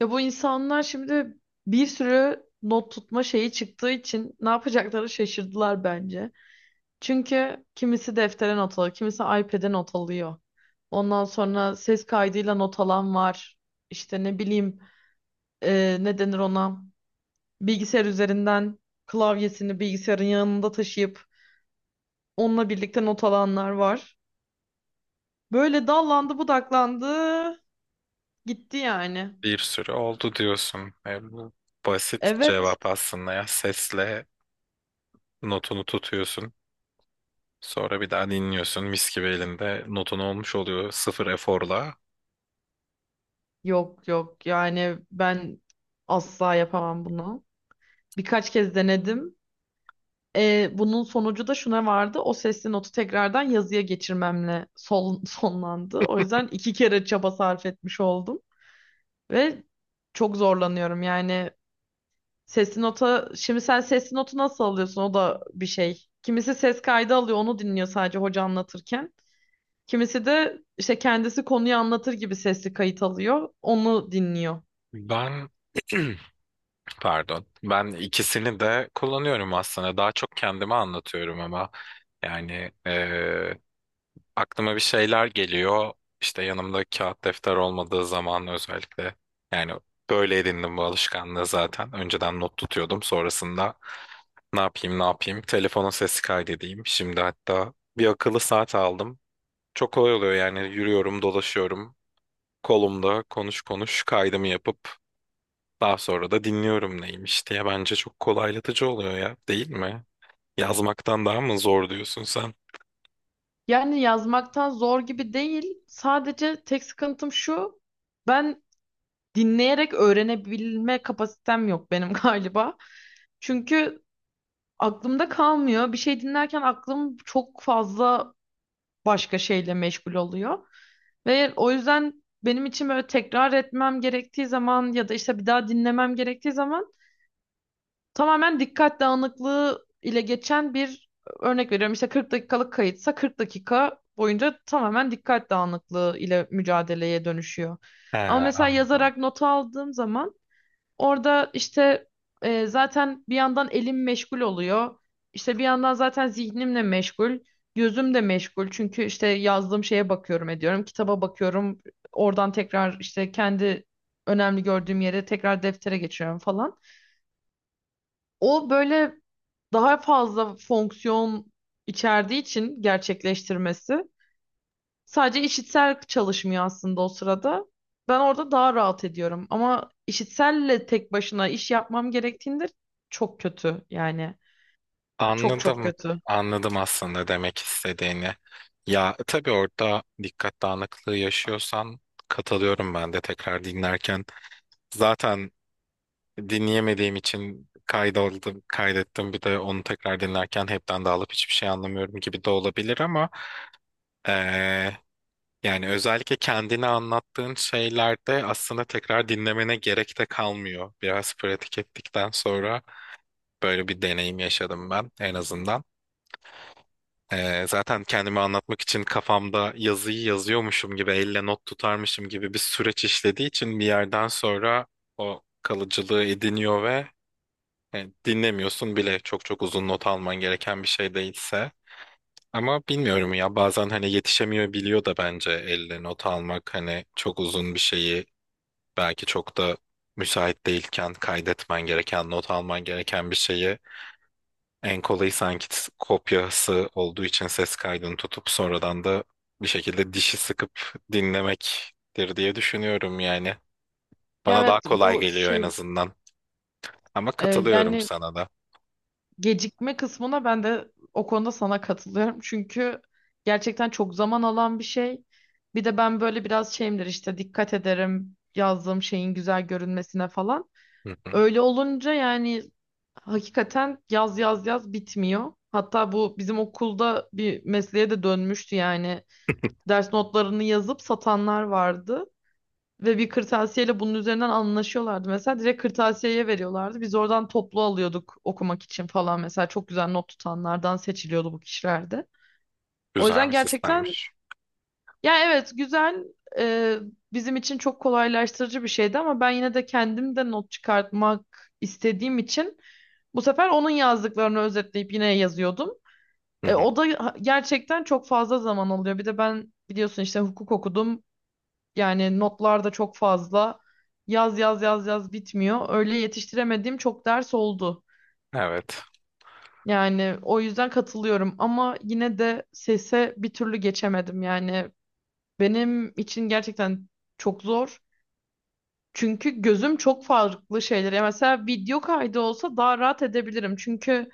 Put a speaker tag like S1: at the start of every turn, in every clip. S1: Ya bu insanlar şimdi bir sürü not tutma şeyi çıktığı için ne yapacakları şaşırdılar bence. Çünkü kimisi deftere not alıyor, kimisi iPad'e not alıyor. Ondan sonra ses kaydıyla not alan var. İşte ne bileyim, ne denir ona? Bilgisayar üzerinden klavyesini bilgisayarın yanında taşıyıp onunla birlikte not alanlar var. Böyle dallandı budaklandı gitti yani.
S2: Bir sürü oldu diyorsun. Bu basit
S1: Evet.
S2: cevap aslında ya. Sesle notunu tutuyorsun. Sonra bir daha dinliyorsun. Mis gibi elinde notun olmuş oluyor. Sıfır eforla.
S1: Yok, yok, yani ben asla yapamam bunu. Birkaç kez denedim. Bunun sonucu da şuna vardı. O sesli notu tekrardan yazıya geçirmemle sonlandı. O yüzden iki kere çaba sarf etmiş oldum. Ve çok zorlanıyorum yani. Sesli nota, şimdi sen sesli notu nasıl alıyorsun? O da bir şey. Kimisi ses kaydı alıyor, onu dinliyor sadece hoca anlatırken. Kimisi de işte kendisi konuyu anlatır gibi sesli kayıt alıyor, onu dinliyor.
S2: Ben pardon. Ben ikisini de kullanıyorum aslında. Daha çok kendime anlatıyorum ama yani aklıma bir şeyler geliyor. İşte yanımda kağıt defter olmadığı zaman özellikle yani böyle edindim bu alışkanlığı zaten. Önceden not tutuyordum. Sonrasında ne yapayım ne yapayım telefonun sesi kaydedeyim. Şimdi hatta bir akıllı saat aldım. Çok kolay oluyor yani yürüyorum dolaşıyorum. Kolumda konuş konuş kaydımı yapıp daha sonra da dinliyorum neymiş diye bence çok kolaylatıcı oluyor ya, değil mi? Yazmaktan daha mı zor diyorsun sen?
S1: Yani yazmaktan zor gibi değil. Sadece tek sıkıntım şu. Ben dinleyerek öğrenebilme kapasitem yok benim galiba. Çünkü aklımda kalmıyor. Bir şey dinlerken aklım çok fazla başka şeyle meşgul oluyor. Ve o yüzden benim için böyle tekrar etmem gerektiği zaman ya da işte bir daha dinlemem gerektiği zaman tamamen dikkat dağınıklığı ile geçen bir, örnek veriyorum, İşte 40 dakikalık kayıtsa 40 dakika boyunca tamamen dikkat dağınıklığı ile mücadeleye dönüşüyor.
S2: He,
S1: Ama mesela
S2: anladım.
S1: yazarak not aldığım zaman orada işte, zaten bir yandan elim meşgul oluyor. İşte bir yandan zaten zihnimle meşgul, gözüm de meşgul. Çünkü işte yazdığım şeye bakıyorum ediyorum, kitaba bakıyorum. Oradan tekrar işte kendi önemli gördüğüm yere tekrar deftere geçiyorum falan. O böyle daha fazla fonksiyon içerdiği için gerçekleştirmesi sadece işitsel çalışmıyor aslında o sırada. Ben orada daha rahat ediyorum ama işitselle tek başına iş yapmam gerektiğinde çok kötü yani, çok çok
S2: Anladım.
S1: kötü.
S2: Anladım aslında demek istediğini. Ya tabii orada dikkat dağınıklığı yaşıyorsan katılıyorum ben de tekrar dinlerken. Zaten dinleyemediğim için kaydoldu, kaydettim bir de onu tekrar dinlerken hepten dağılıp hiçbir şey anlamıyorum gibi de olabilir ama eee, yani özellikle kendini anlattığın şeylerde aslında tekrar dinlemene gerek de kalmıyor. Biraz pratik ettikten sonra böyle bir deneyim yaşadım ben en azından. Zaten kendimi anlatmak için kafamda yazıyı yazıyormuşum gibi, elle not tutarmışım gibi bir süreç işlediği için bir yerden sonra o kalıcılığı ediniyor ve dinlemiyorsun bile çok çok uzun not alman gereken bir şey değilse. Ama bilmiyorum ya bazen hani yetişemiyor biliyor da bence elle not almak hani çok uzun bir şeyi belki çok da müsait değilken kaydetmen gereken, not alman gereken bir şeyi en kolayı sanki kopyası olduğu için ses kaydını tutup sonradan da bir şekilde dişi sıkıp dinlemektir diye düşünüyorum yani.
S1: Ya
S2: Bana
S1: evet,
S2: daha kolay
S1: bu
S2: geliyor en
S1: şey,
S2: azından. Ama katılıyorum
S1: yani
S2: sana da.
S1: gecikme kısmına ben de o konuda sana katılıyorum. Çünkü gerçekten çok zaman alan bir şey. Bir de ben böyle biraz şeyimdir, işte dikkat ederim yazdığım şeyin güzel görünmesine falan.
S2: Hı hı.
S1: Öyle olunca yani hakikaten yaz yaz yaz bitmiyor. Hatta bu bizim okulda bir mesleğe de dönmüştü yani. Ders notlarını yazıp satanlar vardı. Ve bir kırtasiyeyle bunun üzerinden anlaşıyorlardı. Mesela direkt kırtasiyeye veriyorlardı. Biz oradan toplu alıyorduk okumak için falan. Mesela çok güzel not tutanlardan seçiliyordu bu kişilerde. O
S2: Güzel
S1: yüzden
S2: bir
S1: gerçekten,
S2: sistemmiş.
S1: ya evet, güzel, e, bizim için çok kolaylaştırıcı bir şeydi ama ben yine de kendim de not çıkartmak istediğim için bu sefer onun yazdıklarını özetleyip yine yazıyordum.
S2: Hı hı.
S1: O da gerçekten çok fazla zaman alıyor. Bir de ben biliyorsun işte hukuk okudum. Yani notlar da çok fazla. Yaz yaz yaz yaz bitmiyor. Öyle yetiştiremediğim çok ders oldu.
S2: Evet.
S1: Yani o yüzden katılıyorum ama yine de sese bir türlü geçemedim. Yani benim için gerçekten çok zor. Çünkü gözüm çok farklı şeylere. Mesela video kaydı olsa daha rahat edebilirim. Çünkü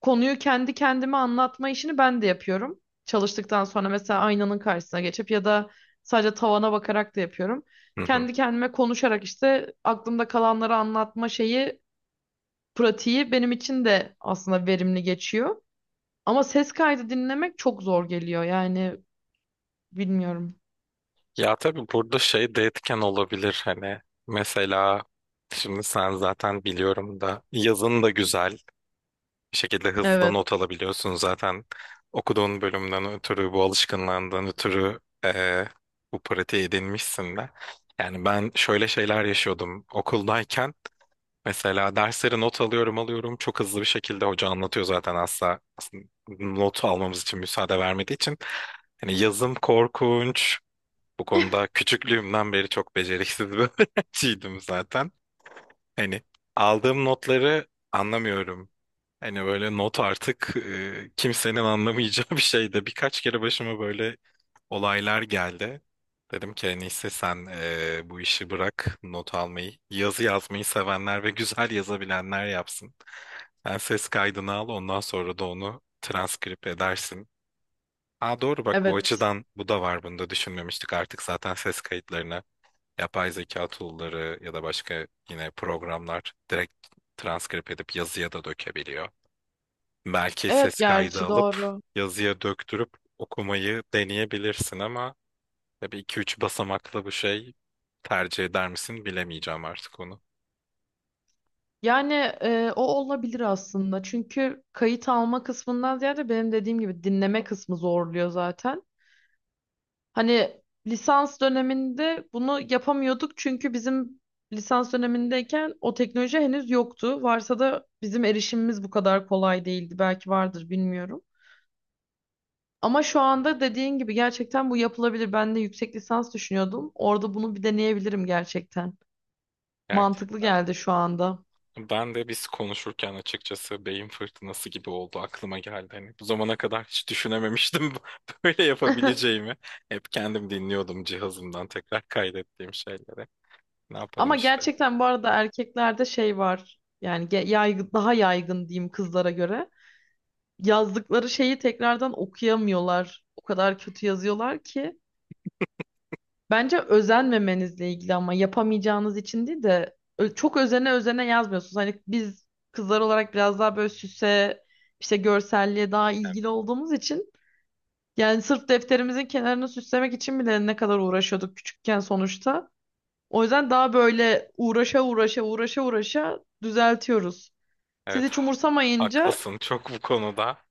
S1: konuyu kendi kendime anlatma işini ben de yapıyorum. Çalıştıktan sonra mesela aynanın karşısına geçip ya da sadece tavana bakarak da yapıyorum.
S2: Hı hı.
S1: Kendi kendime konuşarak işte aklımda kalanları anlatma şeyi, pratiği benim için de aslında verimli geçiyor. Ama ses kaydı dinlemek çok zor geliyor yani, bilmiyorum.
S2: Ya tabii burada şey de etken olabilir hani mesela şimdi sen zaten biliyorum da yazın da güzel bir şekilde hızlı
S1: Evet,
S2: not alabiliyorsun zaten. Okuduğun bölümden ötürü, bu alışkanlığından ötürü bu pratiği edinmişsin de. Yani ben şöyle şeyler yaşıyordum okuldayken. Mesela dersleri not alıyorum alıyorum. Çok hızlı bir şekilde hoca anlatıyor zaten asla. Aslında not almamız için müsaade vermediği için. Hani yazım korkunç. Bu konuda küçüklüğümden beri çok beceriksiz bir öğrenciydim zaten. Hani aldığım notları anlamıyorum. Hani böyle not artık kimsenin anlamayacağı bir şeydi. Birkaç kere başıma böyle olaylar geldi. Dedim ki en iyisi sen bu işi bırak not almayı. Yazı yazmayı sevenler ve güzel yazabilenler yapsın. Sen ses kaydını al ondan sonra da onu transkrip edersin. Aa doğru bak, bu
S1: evet,
S2: açıdan bu da var, bunu da düşünmemiştik. Artık zaten ses kayıtlarına yapay zeka tool'ları ya da başka yine programlar direkt transkrip edip yazıya da dökebiliyor. Belki
S1: evet,
S2: ses kaydı
S1: gerçi
S2: alıp
S1: doğru.
S2: yazıya döktürüp okumayı deneyebilirsin ama tabii iki üç basamaklı bu şey tercih eder misin bilemeyeceğim artık onu.
S1: Yani, o olabilir aslında. Çünkü kayıt alma kısmından ziyade benim dediğim gibi dinleme kısmı zorluyor zaten. Hani lisans döneminde bunu yapamıyorduk, çünkü bizim lisans dönemindeyken o teknoloji henüz yoktu. Varsa da bizim erişimimiz bu kadar kolay değildi. Belki vardır bilmiyorum. Ama şu anda dediğin gibi gerçekten bu yapılabilir. Ben de yüksek lisans düşünüyordum. Orada bunu bir deneyebilirim gerçekten. Mantıklı
S2: Gerçekten.
S1: geldi şu anda.
S2: Ben de biz konuşurken açıkçası beyin fırtınası gibi oldu aklıma geldi. Hani bu zamana kadar hiç düşünememiştim böyle yapabileceğimi. Hep kendim dinliyordum cihazımdan tekrar kaydettiğim şeyleri. Ne yapalım
S1: Ama
S2: işte.
S1: gerçekten bu arada erkeklerde şey var. Yani yaygın, daha yaygın diyeyim kızlara göre. Yazdıkları şeyi tekrardan okuyamıyorlar. O kadar kötü yazıyorlar ki. Bence özenmemenizle ilgili, ama yapamayacağınız için değil de çok özene özene yazmıyorsunuz. Hani biz kızlar olarak biraz daha böyle süse, işte görselliğe daha ilgili olduğumuz için, yani sırf defterimizin kenarını süslemek için bile ne kadar uğraşıyorduk küçükken sonuçta. O yüzden daha böyle uğraşa uğraşa uğraşa uğraşa düzeltiyoruz. Siz
S2: Evet.
S1: hiç umursamayınca.
S2: Haklısın çok bu konuda.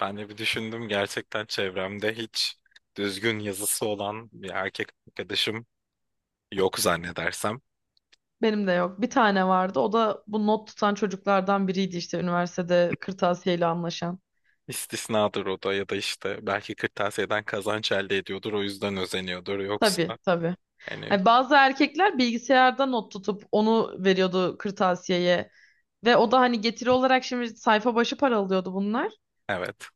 S2: Ben de bir düşündüm gerçekten çevremde hiç düzgün yazısı olan bir erkek arkadaşım yok zannedersem.
S1: Benim de yok. Bir tane vardı. O da bu not tutan çocuklardan biriydi işte, üniversitede kırtasiyeyle anlaşan.
S2: İstisnadır o da ya da işte belki kırtasiyeden kazanç elde ediyordur o yüzden özeniyordur yoksa
S1: Tabii, tabii.
S2: hani
S1: Hani bazı erkekler bilgisayarda not tutup onu veriyordu kırtasiyeye. Ve o da hani getiri olarak şimdi sayfa başı para alıyordu bunlar.
S2: evet,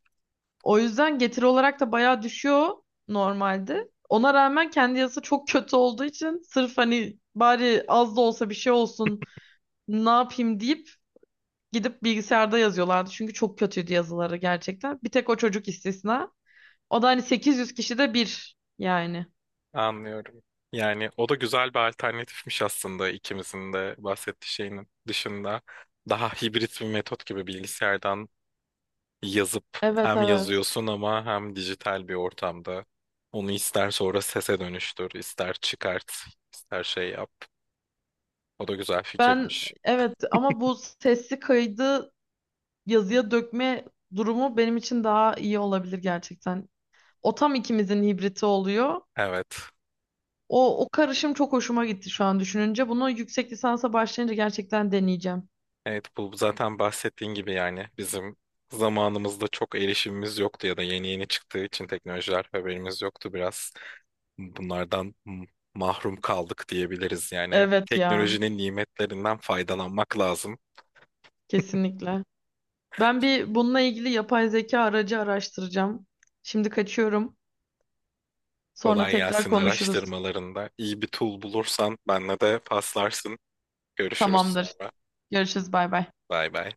S1: O yüzden getiri olarak da bayağı düşüyor normalde. Ona rağmen kendi yazısı çok kötü olduğu için sırf hani bari az da olsa bir şey olsun ne yapayım deyip gidip bilgisayarda yazıyorlardı. Çünkü çok kötüydü yazıları gerçekten. Bir tek o çocuk istisna. O da hani 800 kişide bir yani.
S2: anlıyorum. Yani o da güzel bir alternatifmiş aslında ikimizin de bahsettiği şeyin dışında. Daha hibrit bir metot gibi bilgisayardan yazıp
S1: Evet,
S2: hem
S1: evet.
S2: yazıyorsun ama hem dijital bir ortamda. Onu ister sonra sese dönüştür, ister çıkart, ister şey yap. O da güzel
S1: Ben,
S2: fikirmiş.
S1: evet, ama bu sesli kaydı yazıya dökme durumu benim için daha iyi olabilir gerçekten. O tam ikimizin hibriti oluyor.
S2: Evet.
S1: O karışım çok hoşuma gitti şu an düşününce. Bunu yüksek lisansa başlayınca gerçekten deneyeceğim.
S2: Evet bu zaten bahsettiğin gibi yani bizim zamanımızda çok erişimimiz yoktu ya da yeni yeni çıktığı için teknolojiler haberimiz yoktu biraz. Bunlardan mahrum kaldık diyebiliriz yani.
S1: Evet ya,
S2: Teknolojinin nimetlerinden faydalanmak lazım.
S1: kesinlikle. Ben bir bununla ilgili yapay zeka aracı araştıracağım. Şimdi kaçıyorum. Sonra
S2: Kolay
S1: tekrar
S2: gelsin
S1: konuşuruz.
S2: araştırmalarında. İyi bir tool bulursan benle de paslarsın. Görüşürüz
S1: Tamamdır.
S2: sonra.
S1: Görüşürüz. Bay bay.
S2: Bay bay.